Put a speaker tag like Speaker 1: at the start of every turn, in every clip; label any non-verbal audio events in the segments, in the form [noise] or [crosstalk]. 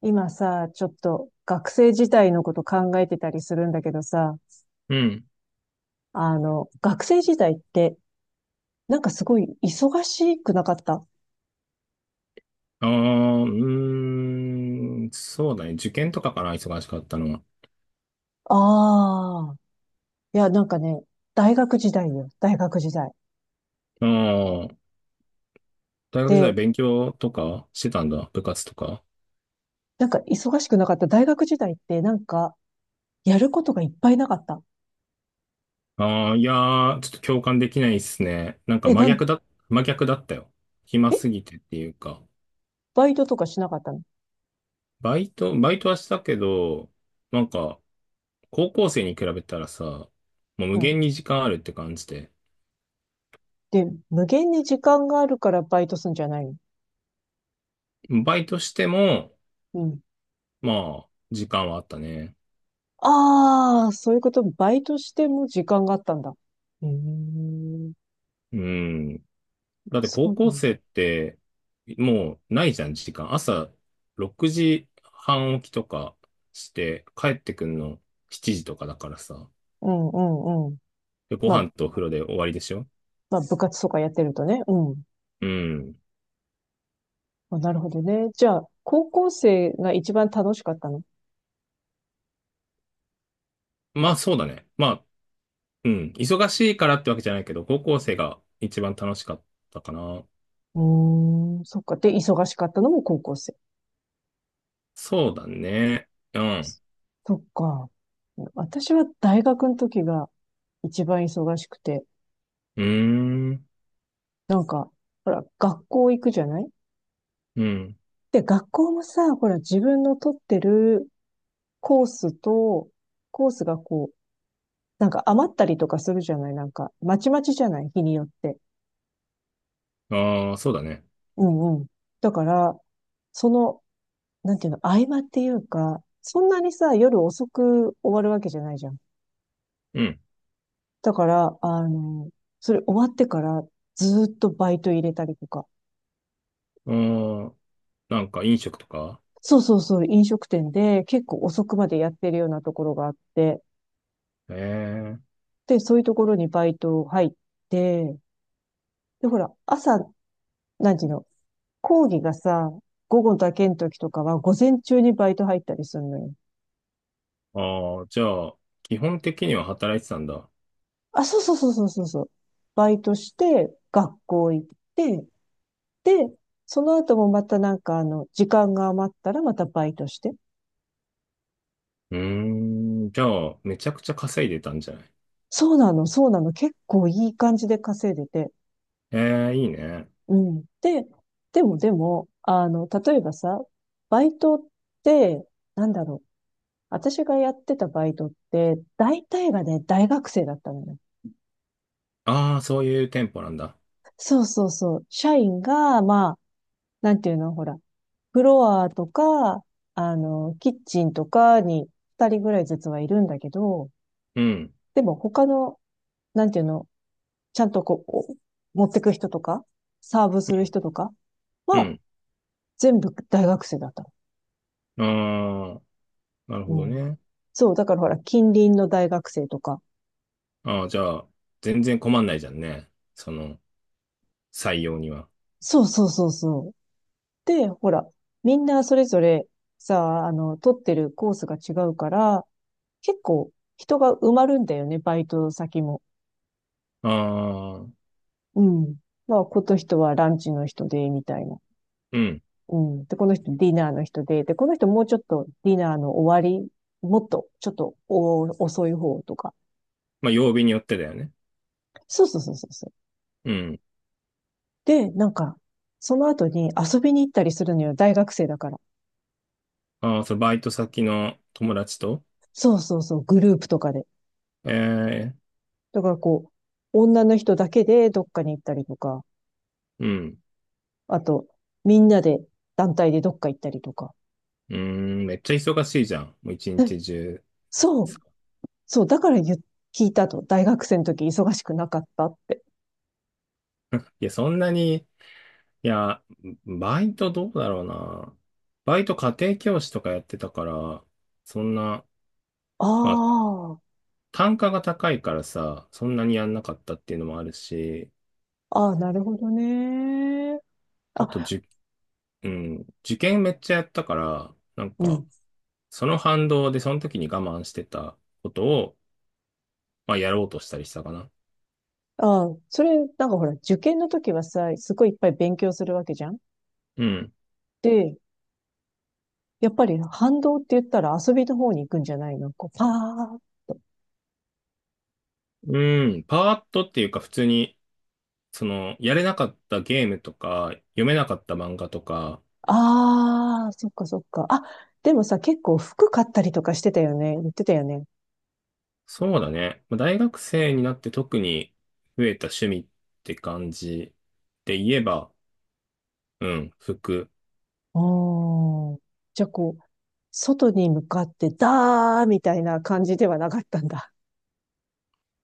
Speaker 1: 今さ、ちょっと学生時代のこと考えてたりするんだけどさ、
Speaker 2: うん。
Speaker 1: あの、学生時代って、なんかすごい忙しくなかった？あ
Speaker 2: ああ、うーん、そうだね。受験とかかな、忙しかったのは。
Speaker 1: あー、いや、なんかね、大学時代よ、大学時代。
Speaker 2: ああ、大学時代
Speaker 1: で、
Speaker 2: 勉強とかしてたんだ。部活とか。
Speaker 1: なんか忙しくなかった大学時代って、なんか、やることがいっぱいなかった。
Speaker 2: ああ、いやー、ちょっと共感できないっすね。なんか
Speaker 1: え、
Speaker 2: 真逆だったよ。暇
Speaker 1: え、
Speaker 2: すぎてっていうか。
Speaker 1: バイトとかしなかったの？
Speaker 2: バイトはしたけど、なんか、高校生に比べたらさ、もう無
Speaker 1: うん。
Speaker 2: 限に時間あるって感じで。
Speaker 1: で、無限に時間があるからバイトすんじゃないの？
Speaker 2: バイトしても、
Speaker 1: うん。
Speaker 2: まあ、時間はあったね。
Speaker 1: ああ、そういうこと、バイトしても時間があったんだ。へえ、
Speaker 2: うん。だって
Speaker 1: そ
Speaker 2: 高
Speaker 1: うな
Speaker 2: 校
Speaker 1: ん
Speaker 2: 生
Speaker 1: だ。
Speaker 2: って、もうないじゃん、時間。朝6時半起きとかして、帰ってくんの7時とかだからさ。
Speaker 1: うんうんうん。
Speaker 2: でご
Speaker 1: ま
Speaker 2: 飯
Speaker 1: あ、
Speaker 2: とお風呂で終わりでしょ？
Speaker 1: まあ、部活とかやってるとね。うん。
Speaker 2: うん。
Speaker 1: まあ、なるほどね。じゃあ、高校生が一番楽しかったの？
Speaker 2: まあそうだね。まあ、うん。忙しいからってわけじゃないけど、高校生が一番楽しかったかな。
Speaker 1: うーん、そっか。で、忙しかったのも高校生。
Speaker 2: そうだね。うん。
Speaker 1: そっか。私は大学の時が一番忙しくて、
Speaker 2: うーん。
Speaker 1: なんか、ほら、学校行くじゃない？
Speaker 2: うん。
Speaker 1: で、学校もさ、ほら、自分の取ってるコースと、コースがこう、なんか余ったりとかするじゃない？なんか、まちまちじゃない、日によって。
Speaker 2: ああ、そうだね。
Speaker 1: うんうん。だから、その、なんていうの、合間っていうか、そんなにさ、夜遅く終わるわけじゃないじゃん。
Speaker 2: うん。
Speaker 1: だから、あの、それ終わってからずーっとバイト入れたりとか。
Speaker 2: ああ、なんか飲食とか？
Speaker 1: そうそうそう、飲食店で結構遅くまでやってるようなところがあって、
Speaker 2: ええ。
Speaker 1: で、そういうところにバイト入って、で、ほら、朝、なんていうの、講義がさ、午後だけの時とかは午前中にバイト入ったりするのよ。
Speaker 2: ああ、じゃあ、基本的には働いてたんだ。
Speaker 1: あ、そうそうそうそうそうそう。バイトして、学校行って、で、その後もまたなんかあの、時間が余ったらまたバイトして。
Speaker 2: うーん、じゃあ、めちゃくちゃ稼いでたんじゃない？
Speaker 1: そうなの、そうなの。結構いい感じで稼いでて。
Speaker 2: ええ、いいね。
Speaker 1: うん。で、でも、あの、例えばさ、バイトって、なんだろう。私がやってたバイトって、大体がね、大学生だったのよ。
Speaker 2: ああ、そういう店舗なんだ。
Speaker 1: そうそうそう。社員が、まあ、なんていうの、ほら、フロアとか、あの、キッチンとかに二人ぐらいずつはいるんだけど、
Speaker 2: うん、
Speaker 1: でも他の、なんていうの、ちゃんとこう、お持ってく人とか、サーブする人とか
Speaker 2: う
Speaker 1: は、
Speaker 2: ん。
Speaker 1: 全部大学生だったの。
Speaker 2: ああ、なるほ
Speaker 1: う
Speaker 2: ど
Speaker 1: ん。
Speaker 2: ね。
Speaker 1: そう、だからほら、近隣の大学生とか。
Speaker 2: ああ、じゃあ、全然困んないじゃんね。その、採用には。
Speaker 1: そうそうそうそう。で、ほら、みんなそれぞれさ、あの、取ってるコースが違うから、結構人が埋まるんだよね、バイト先も。
Speaker 2: ああ、
Speaker 1: うん。まあ、この人はランチの人で、みたいな。
Speaker 2: うん。
Speaker 1: うん。で、この人ディナーの人で、で、この人もうちょっとディナーの終わり、もっと、ちょっとお遅い方とか。
Speaker 2: まあ、曜日によってだよね。
Speaker 1: そうそうそうそうそう。
Speaker 2: うん。
Speaker 1: で、なんか、その後に遊びに行ったりするのよ、大学生だから。
Speaker 2: ああ、そう、バイト先の友達と。
Speaker 1: そうそうそう、グループとかで。
Speaker 2: ええ、
Speaker 1: だからこう、女の人だけでどっかに行ったりとか、
Speaker 2: うん。
Speaker 1: あと、みんなで、団体でどっか行ったりとか。
Speaker 2: うーん、めっちゃ忙しいじゃん。もう一
Speaker 1: え、
Speaker 2: 日中。
Speaker 1: そう、そう、だから聞いたと、大学生の時忙しくなかったって。
Speaker 2: [laughs] いや、そんなに、いや、バイトどうだろうな。バイト家庭教師とかやってたから、そんな、
Speaker 1: あ
Speaker 2: まあ、
Speaker 1: あ、
Speaker 2: 単価が高いからさ、そんなにやんなかったっていうのもあるし、
Speaker 1: ああ、なるほどね。
Speaker 2: あと、
Speaker 1: あ、
Speaker 2: うん、受験めっちゃやったから、なん
Speaker 1: う
Speaker 2: か、
Speaker 1: ん。
Speaker 2: その反動でその時に我慢してたことを、まあ、やろうとしたりしたかな。
Speaker 1: ああ、それ、なんかほら、受験の時はさ、すごいいっぱい勉強するわけじゃん。
Speaker 2: うん。
Speaker 1: で、やっぱり反動って言ったら遊びの方に行くんじゃないの？こう、パー。
Speaker 2: うん、パーッとっていうか、普通に、その、やれなかったゲームとか、読めなかった漫画とか、
Speaker 1: ああ、そっかそっか。あ、でもさ、結構服買ったりとかしてたよね。言ってたよね。
Speaker 2: そうだね。まあ大学生になって特に増えた趣味って感じで言えば、うん、服。
Speaker 1: ああ、じゃあこう、外に向かって、だーみたいな感じではなかったんだ。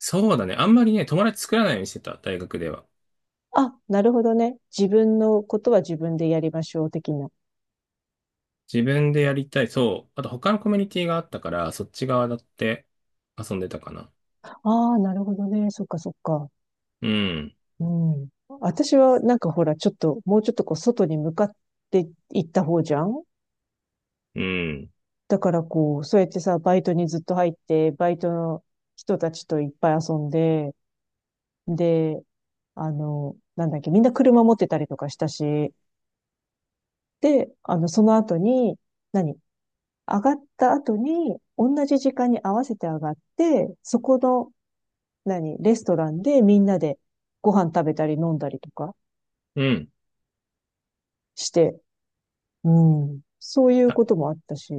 Speaker 2: そうだね。あんまりね、友達作らないようにしてた、大学では。
Speaker 1: あ、なるほどね。自分のことは自分でやりましょう、的な。
Speaker 2: 自分でやりたい。そう。あと他のコミュニティがあったから、そっち側だって遊んでたかな。
Speaker 1: ああ、なるほどね。そっかそっか。
Speaker 2: うん、
Speaker 1: うん。私はなんかほら、ちょっと、もうちょっとこう、外に向かって行った方じゃん。
Speaker 2: うん、
Speaker 1: だからこう、そうやってさ、バイトにずっと入って、バイトの人たちといっぱい遊んで、で、あの、なんだっけ、みんな車持ってたりとかしたし、で、あの、その後に、何上がった後に、同じ時間に合わせて上がって、そこの、何レストランでみんなでご飯食べたり飲んだりとか
Speaker 2: うん。
Speaker 1: して、うん。そういう
Speaker 2: た
Speaker 1: こともあったし、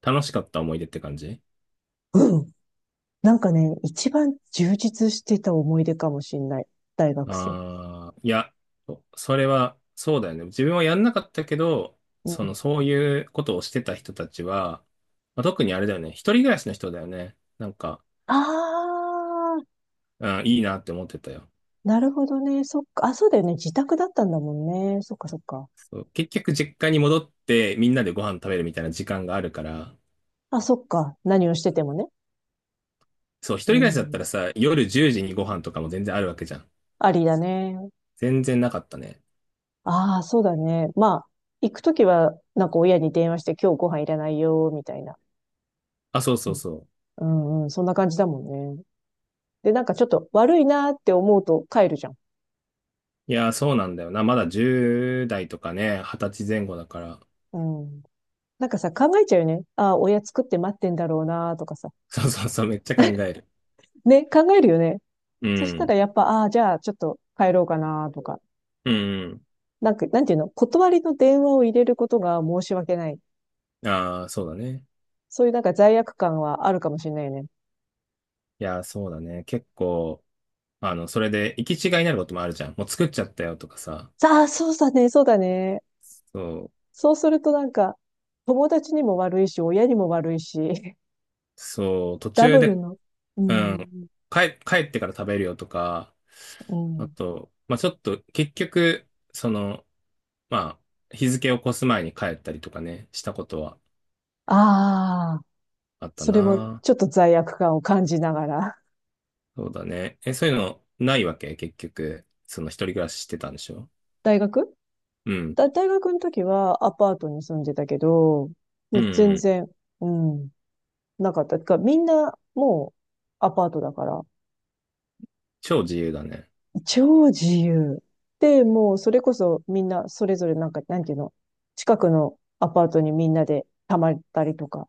Speaker 2: 楽しかった思い出って感じ？
Speaker 1: うん。なんかね、一番充実してた思い出かもしんない。大学生。
Speaker 2: ああ、いや、それは、そうだよね。自分はやんなかったけど、
Speaker 1: う
Speaker 2: その、
Speaker 1: ん。
Speaker 2: そういうことをしてた人たちは、まあ、特にあれだよね。一人暮らしの人だよね。なんか、
Speaker 1: あー、
Speaker 2: うん、いいなって思ってたよ。
Speaker 1: なるほどね。そっか。あ、そうだよね。自宅だったんだもんね。そっかそっか。
Speaker 2: そう結局、実家に戻って、みんなでご飯食べるみたいな時間があるから、
Speaker 1: あ、そっか。何をしててもね。
Speaker 2: そう、一
Speaker 1: う
Speaker 2: 人暮らしだった
Speaker 1: ん。
Speaker 2: らさ、夜10時にご飯とかも全然あるわけじゃん。
Speaker 1: ありだね。
Speaker 2: 全然なかったね。
Speaker 1: ああ、そうだね。まあ、行くときは、なんか親に電話して今日ご飯いらないよ、みたいな。
Speaker 2: あ、そう
Speaker 1: そ
Speaker 2: そう
Speaker 1: う。
Speaker 2: そう。
Speaker 1: うんうん。そんな感じだもんね。で、なんかちょっと悪いなーって思うと帰るじゃん。
Speaker 2: いや、そうなんだよな。まだ10代とかね、20歳前後だから。
Speaker 1: うん。なんかさ、考えちゃうよね。ああ、親作って待ってんだろうなとかさ。
Speaker 2: そうそうそう、めっちゃ考える。
Speaker 1: ね、考えるよね。
Speaker 2: う
Speaker 1: そした
Speaker 2: ん。
Speaker 1: らやっぱ、ああ、じゃあちょっと帰ろうかなとか。
Speaker 2: うん
Speaker 1: なんか、なんていうの、断りの電話を入れることが申し訳ない。
Speaker 2: うん。ああ、そうだね。
Speaker 1: そういうなんか罪悪感はあるかもしれないよね。
Speaker 2: いや、そうだね。結構、あの、それで行き違いになることもあるじゃん。もう作っちゃったよとかさ。
Speaker 1: ああ、そうだね、そうだね。
Speaker 2: そう、
Speaker 1: そうするとなんか、友達にも悪いし、親にも悪いし、[laughs]
Speaker 2: そう、途
Speaker 1: ダ
Speaker 2: 中
Speaker 1: ブル
Speaker 2: で、
Speaker 1: の、う
Speaker 2: うん、
Speaker 1: ん、
Speaker 2: 帰ってから食べるよとか、
Speaker 1: う
Speaker 2: あ
Speaker 1: ん。
Speaker 2: と、まあちょっと、結局、その、まあ、日付を越す前に帰ったりとかね、したことは
Speaker 1: ああ、
Speaker 2: あった
Speaker 1: それも
Speaker 2: な。
Speaker 1: ちょっと罪悪感を感じながら。
Speaker 2: そうだね。え、そういうのないわけ？結局、その一人暮らししてたんでしょ？
Speaker 1: 大学
Speaker 2: うん。
Speaker 1: 大学の時はアパートに住んでたけど、
Speaker 2: う
Speaker 1: も
Speaker 2: ん
Speaker 1: う
Speaker 2: う
Speaker 1: 全
Speaker 2: ん。
Speaker 1: 然、うん、なかった。てか、みんなもうアパートだから、
Speaker 2: 超自由だね。
Speaker 1: 超自由。で、もうそれこそみんなそれぞれなんか、なんていうの、近くのアパートにみんなで泊まったりとか。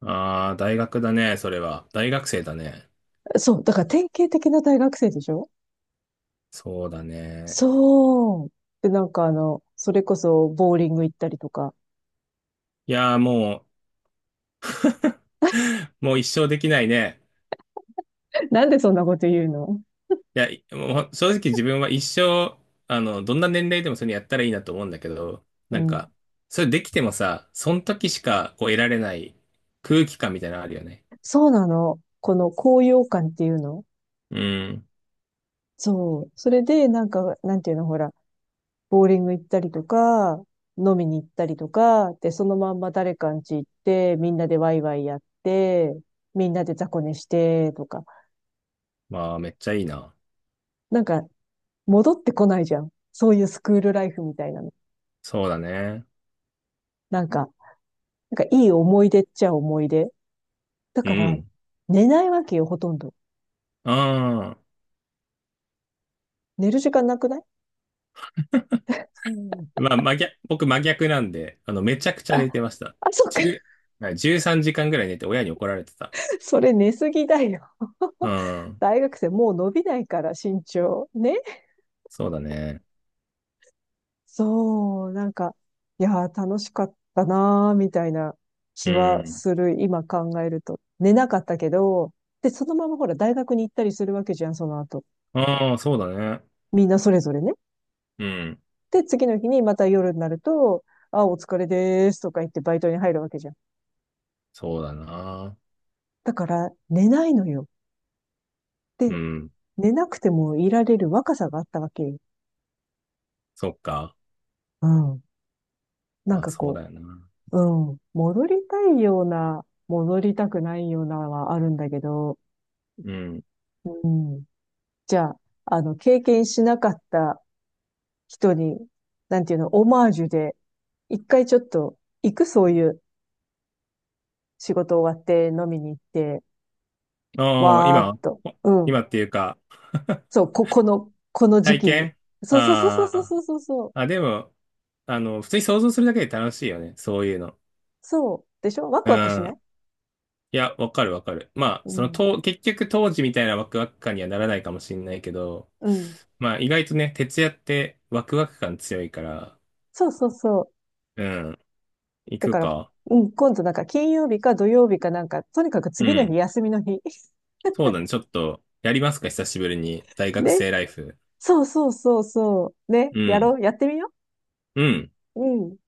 Speaker 2: ああ、大学だね、それは。大学生だね。
Speaker 1: そう、だから典型的な大学生でしょ？
Speaker 2: そうだね。
Speaker 1: そう。で、なんかあの、それこそボーリング行ったりとか。
Speaker 2: いやー、もう、[laughs] もう一生できないね。
Speaker 1: [laughs] なんでそんなこと言うの？
Speaker 2: いや、もう正直自分は一生、あの、どんな年齢でもそれやったらいいなと思うんだけど、
Speaker 1: う
Speaker 2: なんか、
Speaker 1: ん。
Speaker 2: それできてもさ、その時しかこう得られない空気感みたいなのあるよね。
Speaker 1: そうなの。この高揚感っていうの？
Speaker 2: うん。
Speaker 1: そう。それで、なんか、なんていうの、ほら、ボーリング行ったりとか、飲みに行ったりとか、で、そのまんま誰かんち行って、みんなでワイワイやって、みんなで雑魚寝して、とか。
Speaker 2: まあ、めっちゃいいな。
Speaker 1: なんか、戻ってこないじゃん。そういうスクールライフみたいなの。
Speaker 2: そうだね。
Speaker 1: なんか、なんかいい思い出っちゃ思い出。だ
Speaker 2: う
Speaker 1: から、
Speaker 2: ん。
Speaker 1: 寝ないわけよ、ほとんど。
Speaker 2: ああ。
Speaker 1: 寝る時間なくない？
Speaker 2: うんまあ、真逆、僕真逆なんで、あの、めちゃくちゃ
Speaker 1: あ、
Speaker 2: 寝てました。
Speaker 1: あ、そっか。
Speaker 2: 10、はい3時間ぐらい寝て親に怒られてた。
Speaker 1: [laughs] それ寝すぎだよ。
Speaker 2: うん。
Speaker 1: 大学生もう伸びないから、身長。ね？
Speaker 2: そうだね。
Speaker 1: そう、なんか、いやー、楽しかったなー、みたいな
Speaker 2: う
Speaker 1: 気は
Speaker 2: ん。
Speaker 1: する、今考えると。寝なかったけど、で、そのままほら、大学に行ったりするわけじゃん、その後。
Speaker 2: ああ、そうだね。
Speaker 1: みんなそれぞれね。
Speaker 2: うん。
Speaker 1: で、次の日にまた夜になると、あ、お疲れでーすとか言ってバイトに入るわけじゃん。
Speaker 2: そうだな。
Speaker 1: だから、寝ないのよ。
Speaker 2: う
Speaker 1: で、
Speaker 2: ん。
Speaker 1: 寝なくてもいられる若さがあったわけよ。
Speaker 2: そっか。
Speaker 1: うん。なん
Speaker 2: まあ、
Speaker 1: か
Speaker 2: そう
Speaker 1: こ
Speaker 2: だよな。
Speaker 1: う、うん。戻りたいような、戻りたくないようなはあるんだけど、
Speaker 2: うん。
Speaker 1: うん。じゃあ、あの、経験しなかった人に、なんていうの、オマージュで、一回ちょっと、行くそういう仕事終わって飲みに行って、
Speaker 2: ああ、
Speaker 1: わー
Speaker 2: 今、
Speaker 1: っと。
Speaker 2: お
Speaker 1: うん。
Speaker 2: 今っていうか？
Speaker 1: そう、この
Speaker 2: [laughs]
Speaker 1: 時
Speaker 2: 体
Speaker 1: 期に。
Speaker 2: 験？
Speaker 1: そうそうそうそうそう
Speaker 2: あ
Speaker 1: そうそうそう。
Speaker 2: あー。あ、でも、あの、普通に想像するだけで楽しいよね。そういうの。
Speaker 1: そうでしょ？ワ
Speaker 2: う
Speaker 1: クワクしな
Speaker 2: ん。
Speaker 1: い？
Speaker 2: いや、わかるわかる。まあ、
Speaker 1: う
Speaker 2: その、
Speaker 1: ん。
Speaker 2: と、結局当時みたいなワクワク感にはならないかもしれないけど、
Speaker 1: うん。
Speaker 2: まあ、意外とね、徹夜ってワクワク感強いから、
Speaker 1: そうそうそう。
Speaker 2: うん、行
Speaker 1: だ
Speaker 2: く
Speaker 1: から、
Speaker 2: か。
Speaker 1: うん、今度なんか金曜日か土曜日かなんか、とにかく
Speaker 2: う
Speaker 1: 次の日
Speaker 2: ん。
Speaker 1: 休みの日。
Speaker 2: そうだね、ちょっと、やりますか、久しぶりに。
Speaker 1: [laughs]
Speaker 2: 大学
Speaker 1: ね。
Speaker 2: 生ライフ。
Speaker 1: そうそうそうそう。ね。
Speaker 2: う
Speaker 1: や
Speaker 2: ん。
Speaker 1: ろう。やってみよ
Speaker 2: うん。
Speaker 1: う。うん。